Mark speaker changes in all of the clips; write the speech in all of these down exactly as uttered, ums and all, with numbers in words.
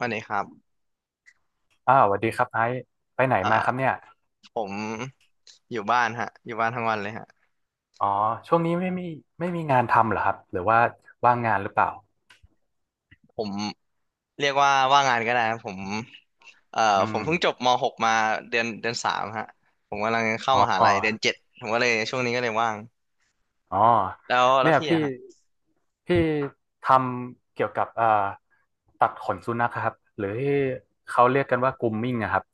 Speaker 1: วันนี้ครับ
Speaker 2: อ้าวสวัสดีครับไอซ์ไปไหน
Speaker 1: เอ่
Speaker 2: มาครับ
Speaker 1: อ
Speaker 2: เนี่ย
Speaker 1: ผมอยู่บ้านฮะอยู่บ้านทั้งวันเลยฮะ
Speaker 2: อ๋อช่วงนี้ไม่มีไม่มีงานทำเหรอครับหรือว่าว่างงานหรือเปล่า
Speaker 1: ผมเรียกว่าว่างงานก็ได้ครับผมเอ่อ
Speaker 2: อื
Speaker 1: ผ
Speaker 2: ม
Speaker 1: มเพิ่งจบม .หก มาเดือนเดือนสามฮะผมกำลังเข้ามหา
Speaker 2: อ๋
Speaker 1: ลั
Speaker 2: อ
Speaker 1: ยเดือนเจ็ดผมก็เลยช่วงนี้ก็เลยว่าง
Speaker 2: อ๋อ
Speaker 1: แล้วแล้ว
Speaker 2: เนี่ย
Speaker 1: พี่
Speaker 2: พี่
Speaker 1: อะฮะ
Speaker 2: พี่ทำเกี่ยวกับเอ่อตัดขนสุนัขครับหรือที่เขาเรียกกันว่า grooming อะครับ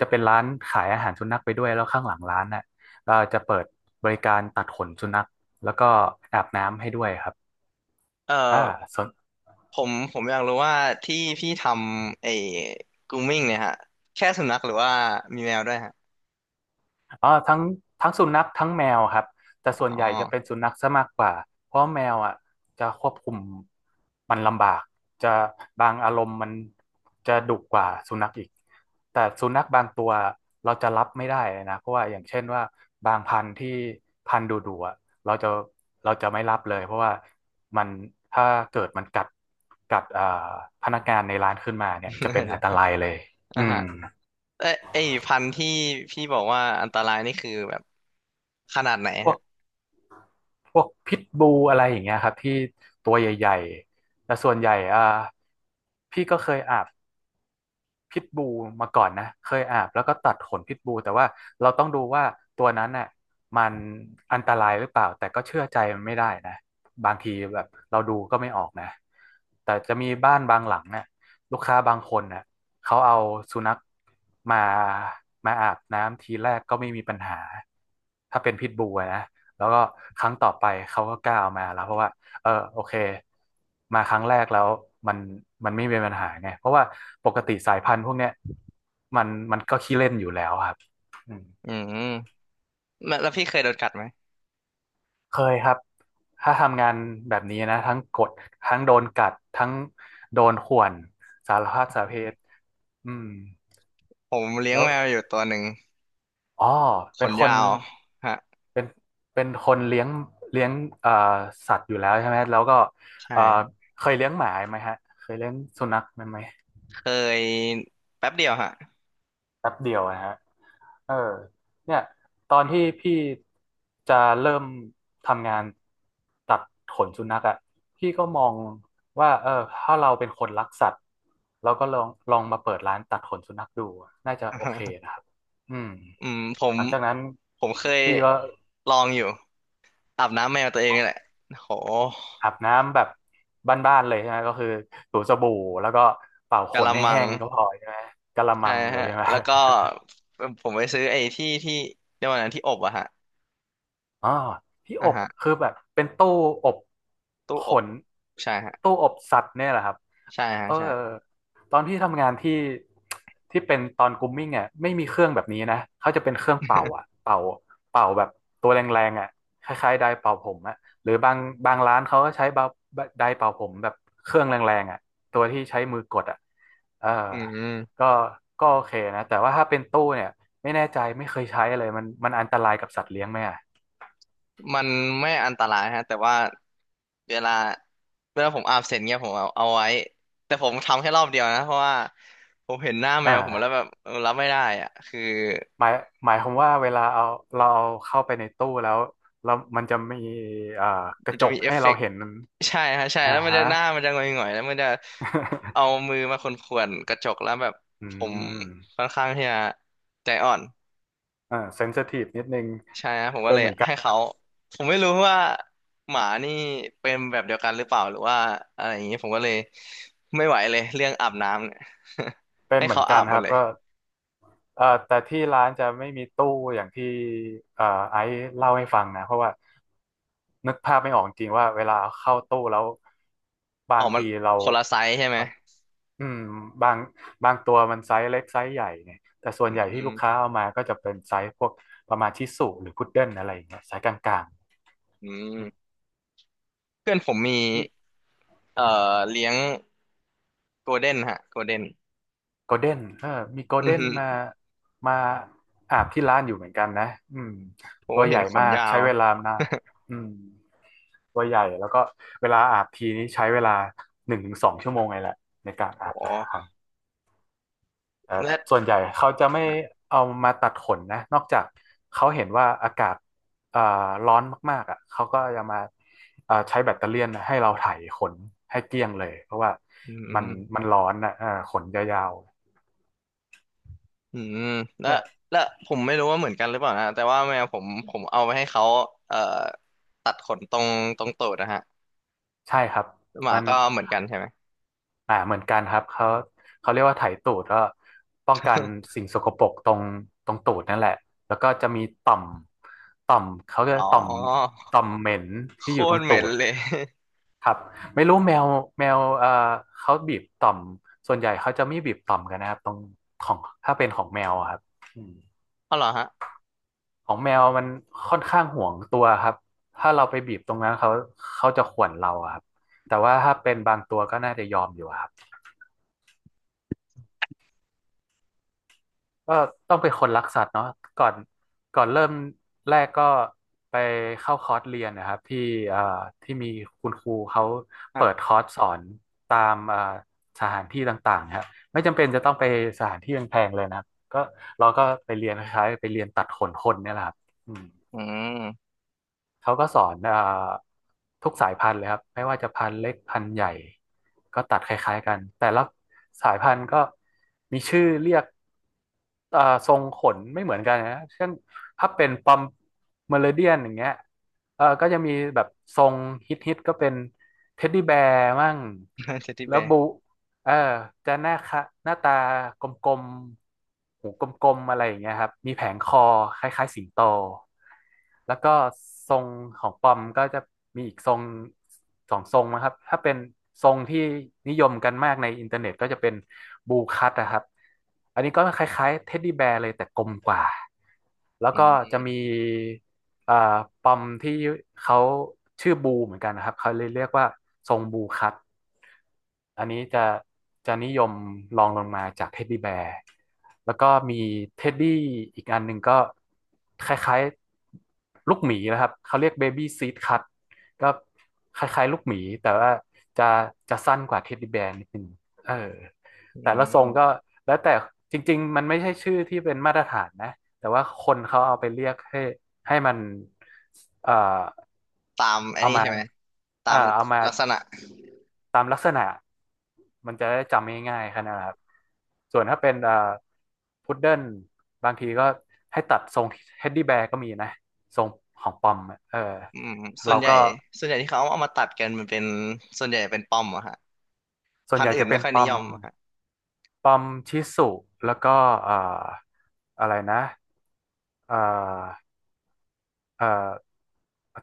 Speaker 2: จะเป็นร้านขายอาหารสุนัขไปด้วยแล้วข้างหลังร้านน่ะก็จะเปิดบริการตัดขนสุนัขแล้วก็อาบน้ำให้ด้วยครับ
Speaker 1: เอ่อ
Speaker 2: อ่าสน
Speaker 1: ผมผมอยากรู้ว่าที่พี่ทำไอ้ grooming เนี่ยฮะแค่สุนัขหรือว่ามีแมวด้วยฮะ
Speaker 2: อ๋อทั้งทั้งสุนัขทั้งแมวครับแต่ส่วน
Speaker 1: อ๋
Speaker 2: ให
Speaker 1: อ
Speaker 2: ญ่จะเป็นสุนัขซะมากกว่าเพราะแมวอ่ะจะควบคุมมันลำบากจะบางอารมณ์มันจะดุกว่าสุนัขอีกแต่สุนัขบางตัวเราจะรับไม่ได้เลยนะเพราะว่าอย่างเช่นว่าบางพันธุ์ที่พันธุ์ดุๆอ่ะเราจะเราจะไม่รับเลยเพราะว่ามันถ้าเกิดมันกัดกัดอ่าพนักงานในร้านขึ้นมาเนี่ยจะเป็ น
Speaker 1: เดี๋
Speaker 2: อั
Speaker 1: ย
Speaker 2: น
Speaker 1: ว
Speaker 2: ตรายเลยอื
Speaker 1: อ่ะ
Speaker 2: ม
Speaker 1: ฮะเอ้ยไอ้พันธุ์ที่พี่บอกว่าอันตรายนี่คือแบบขนาดไหน
Speaker 2: พวก
Speaker 1: ฮะ
Speaker 2: พวกพิทบูอะไรอย่างเงี้ยครับที่ตัวใหญ่ๆแต่ส่วนใหญ่อ่าพี่ก็เคยอาบ พิทบูลมาก่อนนะเคยอาบแล้วก็ตัดขนพิทบูลแต่ว่าเราต้องดูว่าตัวนั้นน่ะมันอันตรายหรือเปล่าแต่ก็เชื่อใจมันไม่ได้นะบางทีแบบเราดูก็ไม่ออกนะแต่จะมีบ้านบางหลังเนี่ยลูกค้าบางคนน่ะเขาเอาสุนัขมามาอาบน้ำทีแรกก็ไม่มีปัญหาถ้าเป็นพิทบูลอะนะแล้วก็ครั้งต่อไปเขาก็กล้าเอามาแล้วเพราะว่า เออโอเคมาครั้งแรกแล้วมันมันไม่มีปัญหาไงเพราะว่าปกติสายพันธุ์พวกเนี้ยมันมันก็ขี้เล่นอยู่แล้วครับอืม
Speaker 1: อืม แล้วแล้วพี่เคยโดนกัดไหม
Speaker 2: เคยครับถ้าทำงานแบบนี้นะทั้งกดทั้งโดนกัดทั้งโดนข่วนสารพัดสาเพศอืม
Speaker 1: ผมเลี้ยง
Speaker 2: แล้ว
Speaker 1: แมวอยู่ตัวหนึ่ง
Speaker 2: อ๋อ
Speaker 1: ข
Speaker 2: เป็น
Speaker 1: น
Speaker 2: ค
Speaker 1: ยา
Speaker 2: น
Speaker 1: วฮะ
Speaker 2: เป็นเป็นคนเลี้ยงเลี้ยงเอ่อสัตว์อยู่แล้วใช่ไหมแล้วก็เอ่อ
Speaker 1: ใช่
Speaker 2: เคยเลี้ยงหมาไหมฮะเคยเลี้ยงสุนัขไหม
Speaker 1: เคยแป๊บเดียวฮะ
Speaker 2: แป๊บเดียวนะฮะเออเนี่ยตอนที่พี่จะเริ่มทำงานตัดขนสุนัขอ่ะพี่ก็มองว่าเออถ้าเราเป็นคนรักสัตว์เราก็ลองลองมาเปิดร้านตัดขนสุนัขดู น่าจะโอเค นะครับอืม
Speaker 1: อืมผม
Speaker 2: หลังจากนั้น
Speaker 1: ผมเคย
Speaker 2: พี่ก็
Speaker 1: ลองอยู่อาบน้ำแมวตัวเองนี่แหละโห
Speaker 2: อาบน้ำแบบบ้านๆเลยใช่ไหมก็คือถูสบู่แล้วก็เป่าข
Speaker 1: กะ
Speaker 2: น
Speaker 1: ละ
Speaker 2: ให้
Speaker 1: มั
Speaker 2: แห้
Speaker 1: ง
Speaker 2: งก็พอใช่ไหมกะละมั
Speaker 1: ใช่
Speaker 2: งเลย
Speaker 1: ฮะ
Speaker 2: ใช่ไหม
Speaker 1: แล้วก็ผมไปซื้อไอ้ที่ที่เรียกว่าอะไรนะที่อบอะฮะ
Speaker 2: อ่อที่อ
Speaker 1: อ่ะ
Speaker 2: บ
Speaker 1: ฮะ
Speaker 2: คือแบบเป็นตู้อบ
Speaker 1: ตู้
Speaker 2: ข
Speaker 1: อบ
Speaker 2: น
Speaker 1: ใช่ฮะ
Speaker 2: ตู้อบสัตว์เนี่ยแหละครับ
Speaker 1: ใช่ฮะ
Speaker 2: เออ
Speaker 1: ใช่
Speaker 2: ตอนที่ทำงานที่ที่เป็นตอนกรูมมิ่งอ่ะไม่มีเครื่องแบบนี้นะเขาจะเป็นเครื่องเป่าอ่ะเป่าเป่าแบบตัวแรงๆอ่ะคล้ายๆไดร์เป่าผมอ่ะหรือบางบางร้านเขาก็ใช้เป่าไดร์เป่าผมแบบเครื่องแรงๆอ่ะตัวที่ใช้มือกดอ่ะเออ
Speaker 1: อืม
Speaker 2: ก็ก็โอเคนะแต่ว่าถ้าเป็นตู้เนี่ยไม่แน่ใจไม่เคยใช้เลยมันมันอันตรายกับสัตว์เลี้ยงไหมอ่ะ
Speaker 1: มันไม่อันตรายฮะแต่ว่าเวลาเวลาผมอาบเสร็จเงี้ยผมเอาเอาไว้แต่ผมทำแค่รอบเดียวนะเพราะว่าผมเห็นหน้าแม
Speaker 2: อ่
Speaker 1: วผมแล้วแบ
Speaker 2: า
Speaker 1: บเออรับไม่ได้อ่ะคือ
Speaker 2: หมายหมายความว่าเวลาเอาเราเอาเข้าไปในตู้แล้วแล้วมันจะมีอ่าก
Speaker 1: มั
Speaker 2: ระ
Speaker 1: น
Speaker 2: จ
Speaker 1: จะ
Speaker 2: ก
Speaker 1: มีเอ
Speaker 2: ให้
Speaker 1: ฟเฟ
Speaker 2: เรา
Speaker 1: กต์
Speaker 2: เห็น
Speaker 1: ใช่ฮะใช่
Speaker 2: อ่า
Speaker 1: แล้วมัน
Speaker 2: ฮะ
Speaker 1: จะหน้ามันจะหงอยๆแล้วมันจะเอา มือมาข่วนๆกระจกแล้วแบบ
Speaker 2: อื
Speaker 1: ผม
Speaker 2: ม
Speaker 1: ค่อนข้างที่จะใจอ่อน
Speaker 2: อ่าเซนซิทีฟนิดนึง
Speaker 1: ใช่นะผมก็
Speaker 2: เป็น
Speaker 1: เลย
Speaker 2: เหมือนกัน
Speaker 1: ให้เขาผมไม่รู้ว่าหมานี่เป็นแบบเดียวกันหรือเปล่าหรือว่าอะไรอย่างนี้ผมก็เลยไม่ไหวเลยเรื่องอาบน้ำ เนี่ย
Speaker 2: เป็น
Speaker 1: ให้
Speaker 2: เหมือ
Speaker 1: เขา
Speaker 2: น
Speaker 1: อา
Speaker 2: กัน
Speaker 1: บหม
Speaker 2: ค
Speaker 1: ด
Speaker 2: รับ
Speaker 1: เลย
Speaker 2: ก็เอ่อแต่ที่ร้านจะไม่มีตู้อย่างที่เอ่อไอซ์เล่าให้ฟังนะเพราะว่านึกภาพไม่ออกจริงๆว่าเวลาเข้าตู้แล้วบา
Speaker 1: ออ
Speaker 2: ง
Speaker 1: กมา
Speaker 2: ทีเรา
Speaker 1: คนละไซส์ใช่ไหม
Speaker 2: มัน อืมบางบางตัวมันไซส์เล็กไซส์ใหญ่เนี่ยแต่ส่วน
Speaker 1: อื
Speaker 2: ใหญ่ที่
Speaker 1: ม
Speaker 2: ลูกค้าเอามาก็จะเป็นไซส์พวกประมาณชิสุหรือพุดเดิ้ลอะไรอย่างเงี้ยไซส์กลาง
Speaker 1: อื
Speaker 2: ๆ
Speaker 1: ม
Speaker 2: อืม
Speaker 1: เพื่อนผมมี
Speaker 2: นี่
Speaker 1: เอ่อเลี้ยงโกลเด้นฮะโกลเด้น
Speaker 2: โกลเด้นเออมีโกล
Speaker 1: อื
Speaker 2: เด้
Speaker 1: อ
Speaker 2: น
Speaker 1: ฮึ
Speaker 2: มามาอาบที่ร้านอยู่เหมือนกันนะอืม
Speaker 1: ผม
Speaker 2: ตั
Speaker 1: ก็
Speaker 2: วให
Speaker 1: เห็น
Speaker 2: ญ่
Speaker 1: ขน
Speaker 2: มาก
Speaker 1: ยา
Speaker 2: ใช้
Speaker 1: ว
Speaker 2: เวลานานอืมตัวใหญ่แล้วก็เวลาอาบทีนี้ใช้เวลาหนึ่งถึงสองชั่วโมงเลยแหละในการ
Speaker 1: โอ
Speaker 2: อาบแต่ละค
Speaker 1: ้
Speaker 2: รั้ง เอ่อ
Speaker 1: และ
Speaker 2: ส่วนใหญ่เขาจะไม่เอามาตัดขนนะนอกจากเขาเห็นว่าอากาศเอ่อร้อนมากๆอ่ะเขาก็จะมาเอ่อใช้แบตเตอเลี่ยนให้เราไถขนให้เกลี้ยงเลยเพราะว่า
Speaker 1: อื
Speaker 2: มัน
Speaker 1: ม
Speaker 2: มันร้อนนะเอ่อขนยาว
Speaker 1: อืม
Speaker 2: ๆ
Speaker 1: และ
Speaker 2: เนี่ย
Speaker 1: และผมไม่รู้ว่าเหมือนกันหรือเปล่านะแต่ว่าแมวผมผมเอาไปให้เขาเอ่อตัดขนตรงตรงตูดนะฮะ
Speaker 2: ใช่ครับ
Speaker 1: หมา
Speaker 2: มัน
Speaker 1: ก็เหมือนกันใช่ไหม
Speaker 2: อ่าเหมือนกันครับเขาเขาเรียกว่าไถตูดก็ป้องกัน สิ่งสกปรกตรงตรงตูดนั่นแหละแล้วก็จะมีต่อมต่อมเขาเรียก
Speaker 1: อ๋อ
Speaker 2: ว่าต่อมต่อมเหม็น
Speaker 1: โค
Speaker 2: ที่อยู่ตร
Speaker 1: ตร
Speaker 2: ง
Speaker 1: เห
Speaker 2: ตู
Speaker 1: ม็น
Speaker 2: ด
Speaker 1: เลย
Speaker 2: ครับไม่รู้แมวแมวเอ่อเขาบีบต่อมส่วนใหญ่เขาจะไม่บีบต่อมกันนะครับตรงของถ้าเป็นของแมวอะครับอืม
Speaker 1: เอาเหรอฮะ
Speaker 2: ของแมวมันค่อนข้างห่วงตัวครับถ้าเราไปบีบตรงนั้นเขาเขาจะข่วนเราอะครับแต่ว่าถ้าเป็นบางตัวก็น่าจะยอมอยู่ครับ ก็ต้องเป็นคนรักสัตว์เนาะก่อนก่อนเริ่มแรกก็ไปเข้าคอร์สเรียนนะครับที่อ่าที่มีคุณครูเขา
Speaker 1: ฮะ
Speaker 2: เปิดคอร์สสอนตามอ่าสถานที่ต่างๆนะครับไม่จำเป็นจะต้องไปสถานที่แพงๆเลยนะครับก็เราก็ไปเรียนคล้ายๆไปเรียนตัดขนคนเนี่ยแหละครับอืม
Speaker 1: อืม
Speaker 2: เขาก็สอนเอ่อทุกสายพันธุ์เลยครับไม่ว่าจะพันธุ์เล็กพันธุ์ใหญ่ก็ตัดคล้ายๆกันแต่ละสายพันธุ์ก็มีชื่อเรียกเอ่อทรงขนไม่เหมือนกันนะเช่นถ้าเป็นปอมเมอริเดียนอย่างเงี้ยเออก็จะมีแบบทรงฮิตๆก็เป็นเท็ดดี้แบร์มั่ง
Speaker 1: เทดดี้
Speaker 2: แล้
Speaker 1: แบ
Speaker 2: ว
Speaker 1: ร์
Speaker 2: บู เออจะหน้าคะหน้าตากลมๆหูกลมๆอะไรอย่างเงี้ยครับมีแผงคอคล้ายๆสิงโตแล้วก็ทรงของปอมก็จะมีอีกทรงสองทรงนะครับถ้าเป็นทรงที่นิยมกันมากในอินเทอร์เน็ตก็จะเป็นบูคัตนะครับอันนี้ก็คล้ายๆเท็ดดี้แบร์เลยแต่กลมกว่าแล้ว
Speaker 1: อื
Speaker 2: ก็จะ
Speaker 1: ม
Speaker 2: มี เอ่อปอมที่เขาชื่อบูเหมือนกันนะครับเขาเลยเรียกว่าทรงบูคัตอันนี้จะจะนิยมรองลงมาจากเท็ดดี้แบร์แล้วก็มีเท็ดดี้อีกอันหนึ่งก็คล้ายๆลูกหมีนะครับเขาเรียกเบบี้ซีดคัตก็คล้ายๆลูกหมีแต่ว่าจะจะสั้นกว่าเท็ดดี้แบร์นิดนึงเออ
Speaker 1: อื
Speaker 2: แต่ละทรงก็
Speaker 1: ม
Speaker 2: แล้วแต่จริงๆมันไม่ใช่ชื่อที่เป็นมาตรฐานนะแต่ว่าคนเขาเอาไปเรียกให้ ให้มันเอ่อ
Speaker 1: ตามอัน
Speaker 2: เอา
Speaker 1: นี้
Speaker 2: มา
Speaker 1: ใช่ไหมตา
Speaker 2: เอ่อ
Speaker 1: ม
Speaker 2: เอามา
Speaker 1: ลักษณะ
Speaker 2: ตามลักษณะมันจะได้จำง่ายๆแค่นั้นแหละครับส่วนถ้าเป็นเอ่อพุดเดิ้ลบางทีก็ให้ตัดทรงเฮดดี้แบร์ก็มีนะทรงของปอมอะเออ
Speaker 1: อืมส่
Speaker 2: เรา
Speaker 1: วนใหญ่
Speaker 2: ก็
Speaker 1: ส่วนใหญ่ที่เขาเอามาตัดกันมันเป็นส่วนใหญ่เป็นปอมอะฮะ
Speaker 2: ส่วน
Speaker 1: พัน
Speaker 2: ใหญ่
Speaker 1: ธุ์อื่
Speaker 2: จะ
Speaker 1: น
Speaker 2: เป็
Speaker 1: ไม่
Speaker 2: น
Speaker 1: ค่อย
Speaker 2: ปอ
Speaker 1: นิย
Speaker 2: ม
Speaker 1: มอะฮะ
Speaker 2: ปอมชิสุแล้วก็เอ่ออะไรนะเอ่อเอ่อ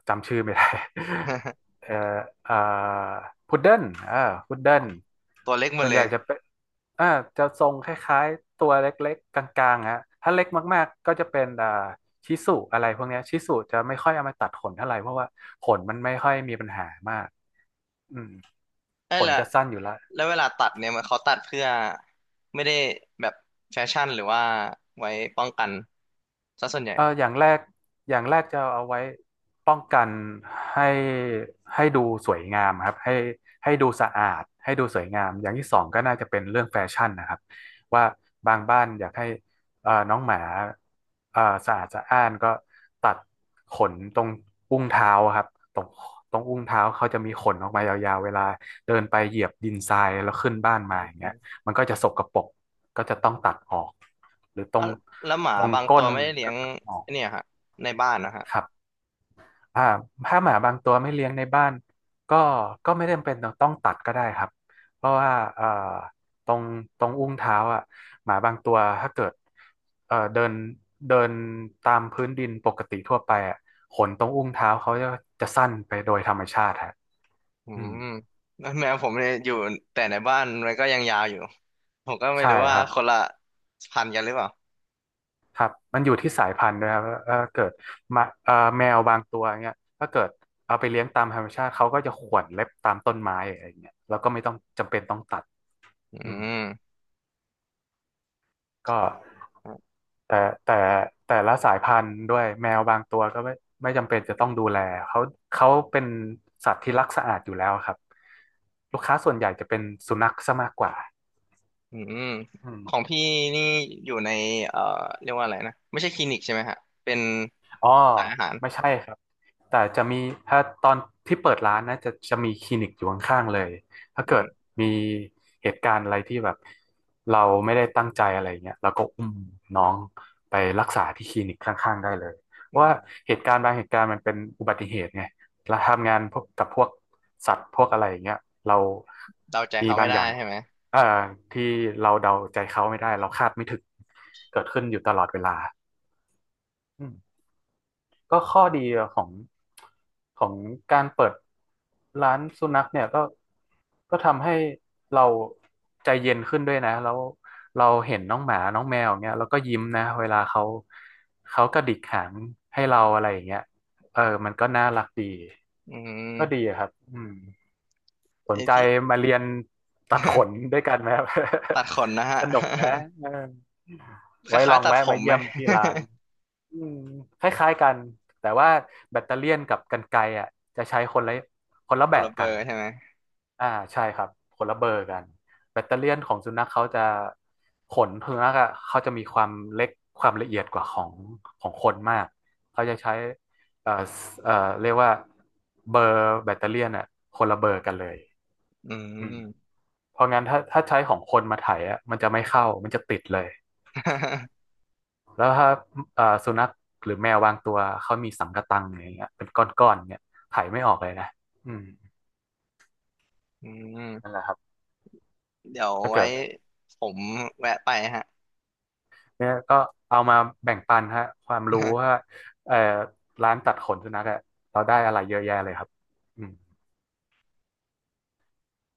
Speaker 2: จำชื่อไม่ได้ เอ่ออ่าพุดเดิ้ลอ่าพุดเดิ้ล
Speaker 1: ตัวเล็กหมด
Speaker 2: ส่วน
Speaker 1: เล
Speaker 2: ใหญ่
Speaker 1: ย
Speaker 2: จะเป็นอ่าจะทรงคล้ายๆตัวเล็กๆกลางๆฮะถ้าเล็กมากๆก็จะเป็นอ่าชิสุอะไรพวกเนี้ยชิสุจะไม่ค่อยเอามาตัดขนเท่าไหร่เพราะว่าขนมันไม่ค่อยมีปัญหามากอืม
Speaker 1: เอ้
Speaker 2: ข
Speaker 1: ย
Speaker 2: น
Speaker 1: และ
Speaker 2: จะสั้นอยู่ละ
Speaker 1: แล้วเวลาตัดเนี่ยมันเขาตัดเพื่อไม่ได้แบบแฟชั่นหรือว่าไว้ป้องกันซะส่วนใหญ่
Speaker 2: เอออย่างแรกอย่างแรกจะเอาไว้ป้องกันให้ให้ดูสวยงามครับให้ให้ดูสะอาดให้ดูสวยงามอย่างที่สองก็น่าจะเป็นเรื่องแฟชั่นนะครับว่าบางบ้านอยากให้เอ่อน้องหมาเอ่อสะอาดสะอ้านก็ตัดขนตรงอุ้งเท้าครับตรงตรงอุ้งเท้าเขาจะมีขนออกมายาวๆเวลาเดินไปเหยียบดินทรายแล้วขึ้นบ้านมาอย่างเงี้ยมันก็จะสกปรกก็จะต้องตัดออกหรือตร
Speaker 1: อ่ะ
Speaker 2: ง
Speaker 1: แล้วหมา
Speaker 2: ตรง
Speaker 1: บางตั
Speaker 2: ก้
Speaker 1: ว
Speaker 2: น
Speaker 1: ไม่ได้เลี้ย
Speaker 2: ก็
Speaker 1: ง
Speaker 2: อ๋อ
Speaker 1: ไอ้เนี่ยฮะในบ้านนะฮะ
Speaker 2: ครับอ่าถ้าหมาบางตัวไม่เลี้ยงในบ้านก็ก็ไม่จำเป็นต้องตัดก็ได้ครับเพราะว่าเอ่อตรงตรงอุ้งเท้าอ่ะหมาบางตัวถ้าเกิดเอ่อเดินเดินตามพื้นดินปกติทั่วไปอ่ะขนตรงอุ้งเท้าเขาจะจะสั้นไปโดยธรรมชาติฮะ
Speaker 1: อื
Speaker 2: อืม
Speaker 1: มแล้วแมวผมเนี่ยอยู่แต่ในบ้านมันก็ยังยาวอยู่ผมก็ไม่
Speaker 2: ใช่
Speaker 1: รู้
Speaker 2: ค
Speaker 1: ว่า
Speaker 2: รับ
Speaker 1: คนละพันธุ์กันหรือเปล่า
Speaker 2: ครับมันอยู่ที่สายพันธุ์ด้วยครับเออเกิดมาเอ่อแมวบางตัวเงี้ยถ้าเกิดเอาไปเลี้ยงตามธรรมชาติเขาก็จะข่วนเล็บตามต้นไม้อะไรเงี้ยแล้วก็ไม่ต้องจำเป็นต้องตัด
Speaker 1: อื
Speaker 2: อืม
Speaker 1: ม
Speaker 2: ก็แต่แต่แต่ละสายพันธุ์ด้วยแมวบางตัวก็ไม่ไม่จำเป็นจะต้องดูแลเขาเขาเป็นสัตว์ที่รักสะอาดอยู่แล้วครับ ลูกค้าส่วนใหญ่จะเป็นสุนัขซะมากกว่า
Speaker 1: อืม
Speaker 2: อืม
Speaker 1: ของพี่นี่อยู่ในเอ่อเรียกว่าอะไรนะไม่ใช่คลินิกใช่ไหมฮะเป็น
Speaker 2: อ๋อ
Speaker 1: ขายอาหาร
Speaker 2: ไม่ใช่ครับ แต่จะมีถ้าตอนที่เปิดร้านนะจะจะมีคลินิกอยู่ข้างๆเลยถ้าเกิ
Speaker 1: อื
Speaker 2: ด
Speaker 1: ม
Speaker 2: มีเหตุการณ์อะไรที่แบบเราไม่ได้ตั้งใจอะไรเงี้ยเราก็อุ้มน้องไปรักษาที่คลินิกข้างๆได้เลยเพราะว่าเหตุการณ์บางเหตุการณ์มันเป็นอุบัติเหตุไงเราทำงานพวกกับพวกสัตว์พวกอะไรอย่างเงี้ยเรา
Speaker 1: เดาใจ
Speaker 2: มี
Speaker 1: เขาไม่
Speaker 2: บาง
Speaker 1: ได้
Speaker 2: อย่าง
Speaker 1: ใช่ไหม
Speaker 2: เอ่อที่เราเดาใจเขาไม่ได้เราคาดไม่ถึงเกิดขึ้นอยู่ตลอดเวลาอืม ก็ข้อดีของของการเปิดร้านสุนัขเนี่ยก็ก็ทำให้เราใจเย็นขึ้นด้วยนะแล้วเราเห็นน้องหมาน้องแมวอย่างเงี้ยเราก็ยิ้มนะเวลาเขาเขากระดิกหางให้เราอะไรอย่างเงี้ยเออมันก็น่ารักดี
Speaker 1: อื
Speaker 2: ก็ดี
Speaker 1: ม
Speaker 2: อะครับอืม สน
Speaker 1: ไอ้
Speaker 2: ใจ
Speaker 1: ที่
Speaker 2: มาเรียนตัดขนด้วยกันไหมครับ
Speaker 1: ตัดขนนะฮะ
Speaker 2: สนุกนะเออ
Speaker 1: ค
Speaker 2: ไว้ล
Speaker 1: ล้าย
Speaker 2: อง
Speaker 1: ๆตัด
Speaker 2: แวะ
Speaker 1: ผ
Speaker 2: มา
Speaker 1: มไห
Speaker 2: เยี่
Speaker 1: ม
Speaker 2: ยมที่ร้านอืมคล้ายๆกันแต่ว่าแบตเตอเลียนกับกรรไกรอ่ะจะใช้คนละคนละ
Speaker 1: ค
Speaker 2: แบ
Speaker 1: น
Speaker 2: บ
Speaker 1: ละเบอ
Speaker 2: กัน
Speaker 1: ร์ใช่ไหม
Speaker 2: อ่าใช่ครับคนละเบอร์กันแบตเตอเลียนของสุนัขเขาจะขนสุนัขอะเขาจะมีความเล็กความละเอียดกว่าของของคนมากเขาจะใช้เอ่อเอ่อเรียกว่าเบอร์แบตเตอเลียนอ่ะคนละเบอร์กันเลย
Speaker 1: อื
Speaker 2: อืม
Speaker 1: ม
Speaker 2: เพราะงั้นถ้าถ้าใช้ของคนมาไถอ่ะมันจะไม่เข้ามันจะติดเลย แล้วถ้าเอ่อสุนัขหรือแมวบางตัวเขามีสังกะตังอย่างเงี้ยเป็นก้อนๆเนี่ยไถไม่ออกเลยนะอืม
Speaker 1: อื
Speaker 2: นั่นแห
Speaker 1: ม
Speaker 2: ละครับ
Speaker 1: เดี๋ยว
Speaker 2: ถ้า
Speaker 1: ไว้
Speaker 2: เกิด
Speaker 1: ผมแวะไปฮะ
Speaker 2: เนี่ยก็เอามาแบ่งปันฮะความรู้ว่าเอ่อร้านตัดขนสุนัขอะเราได้อะไรเยอะแยะเลยครับอืม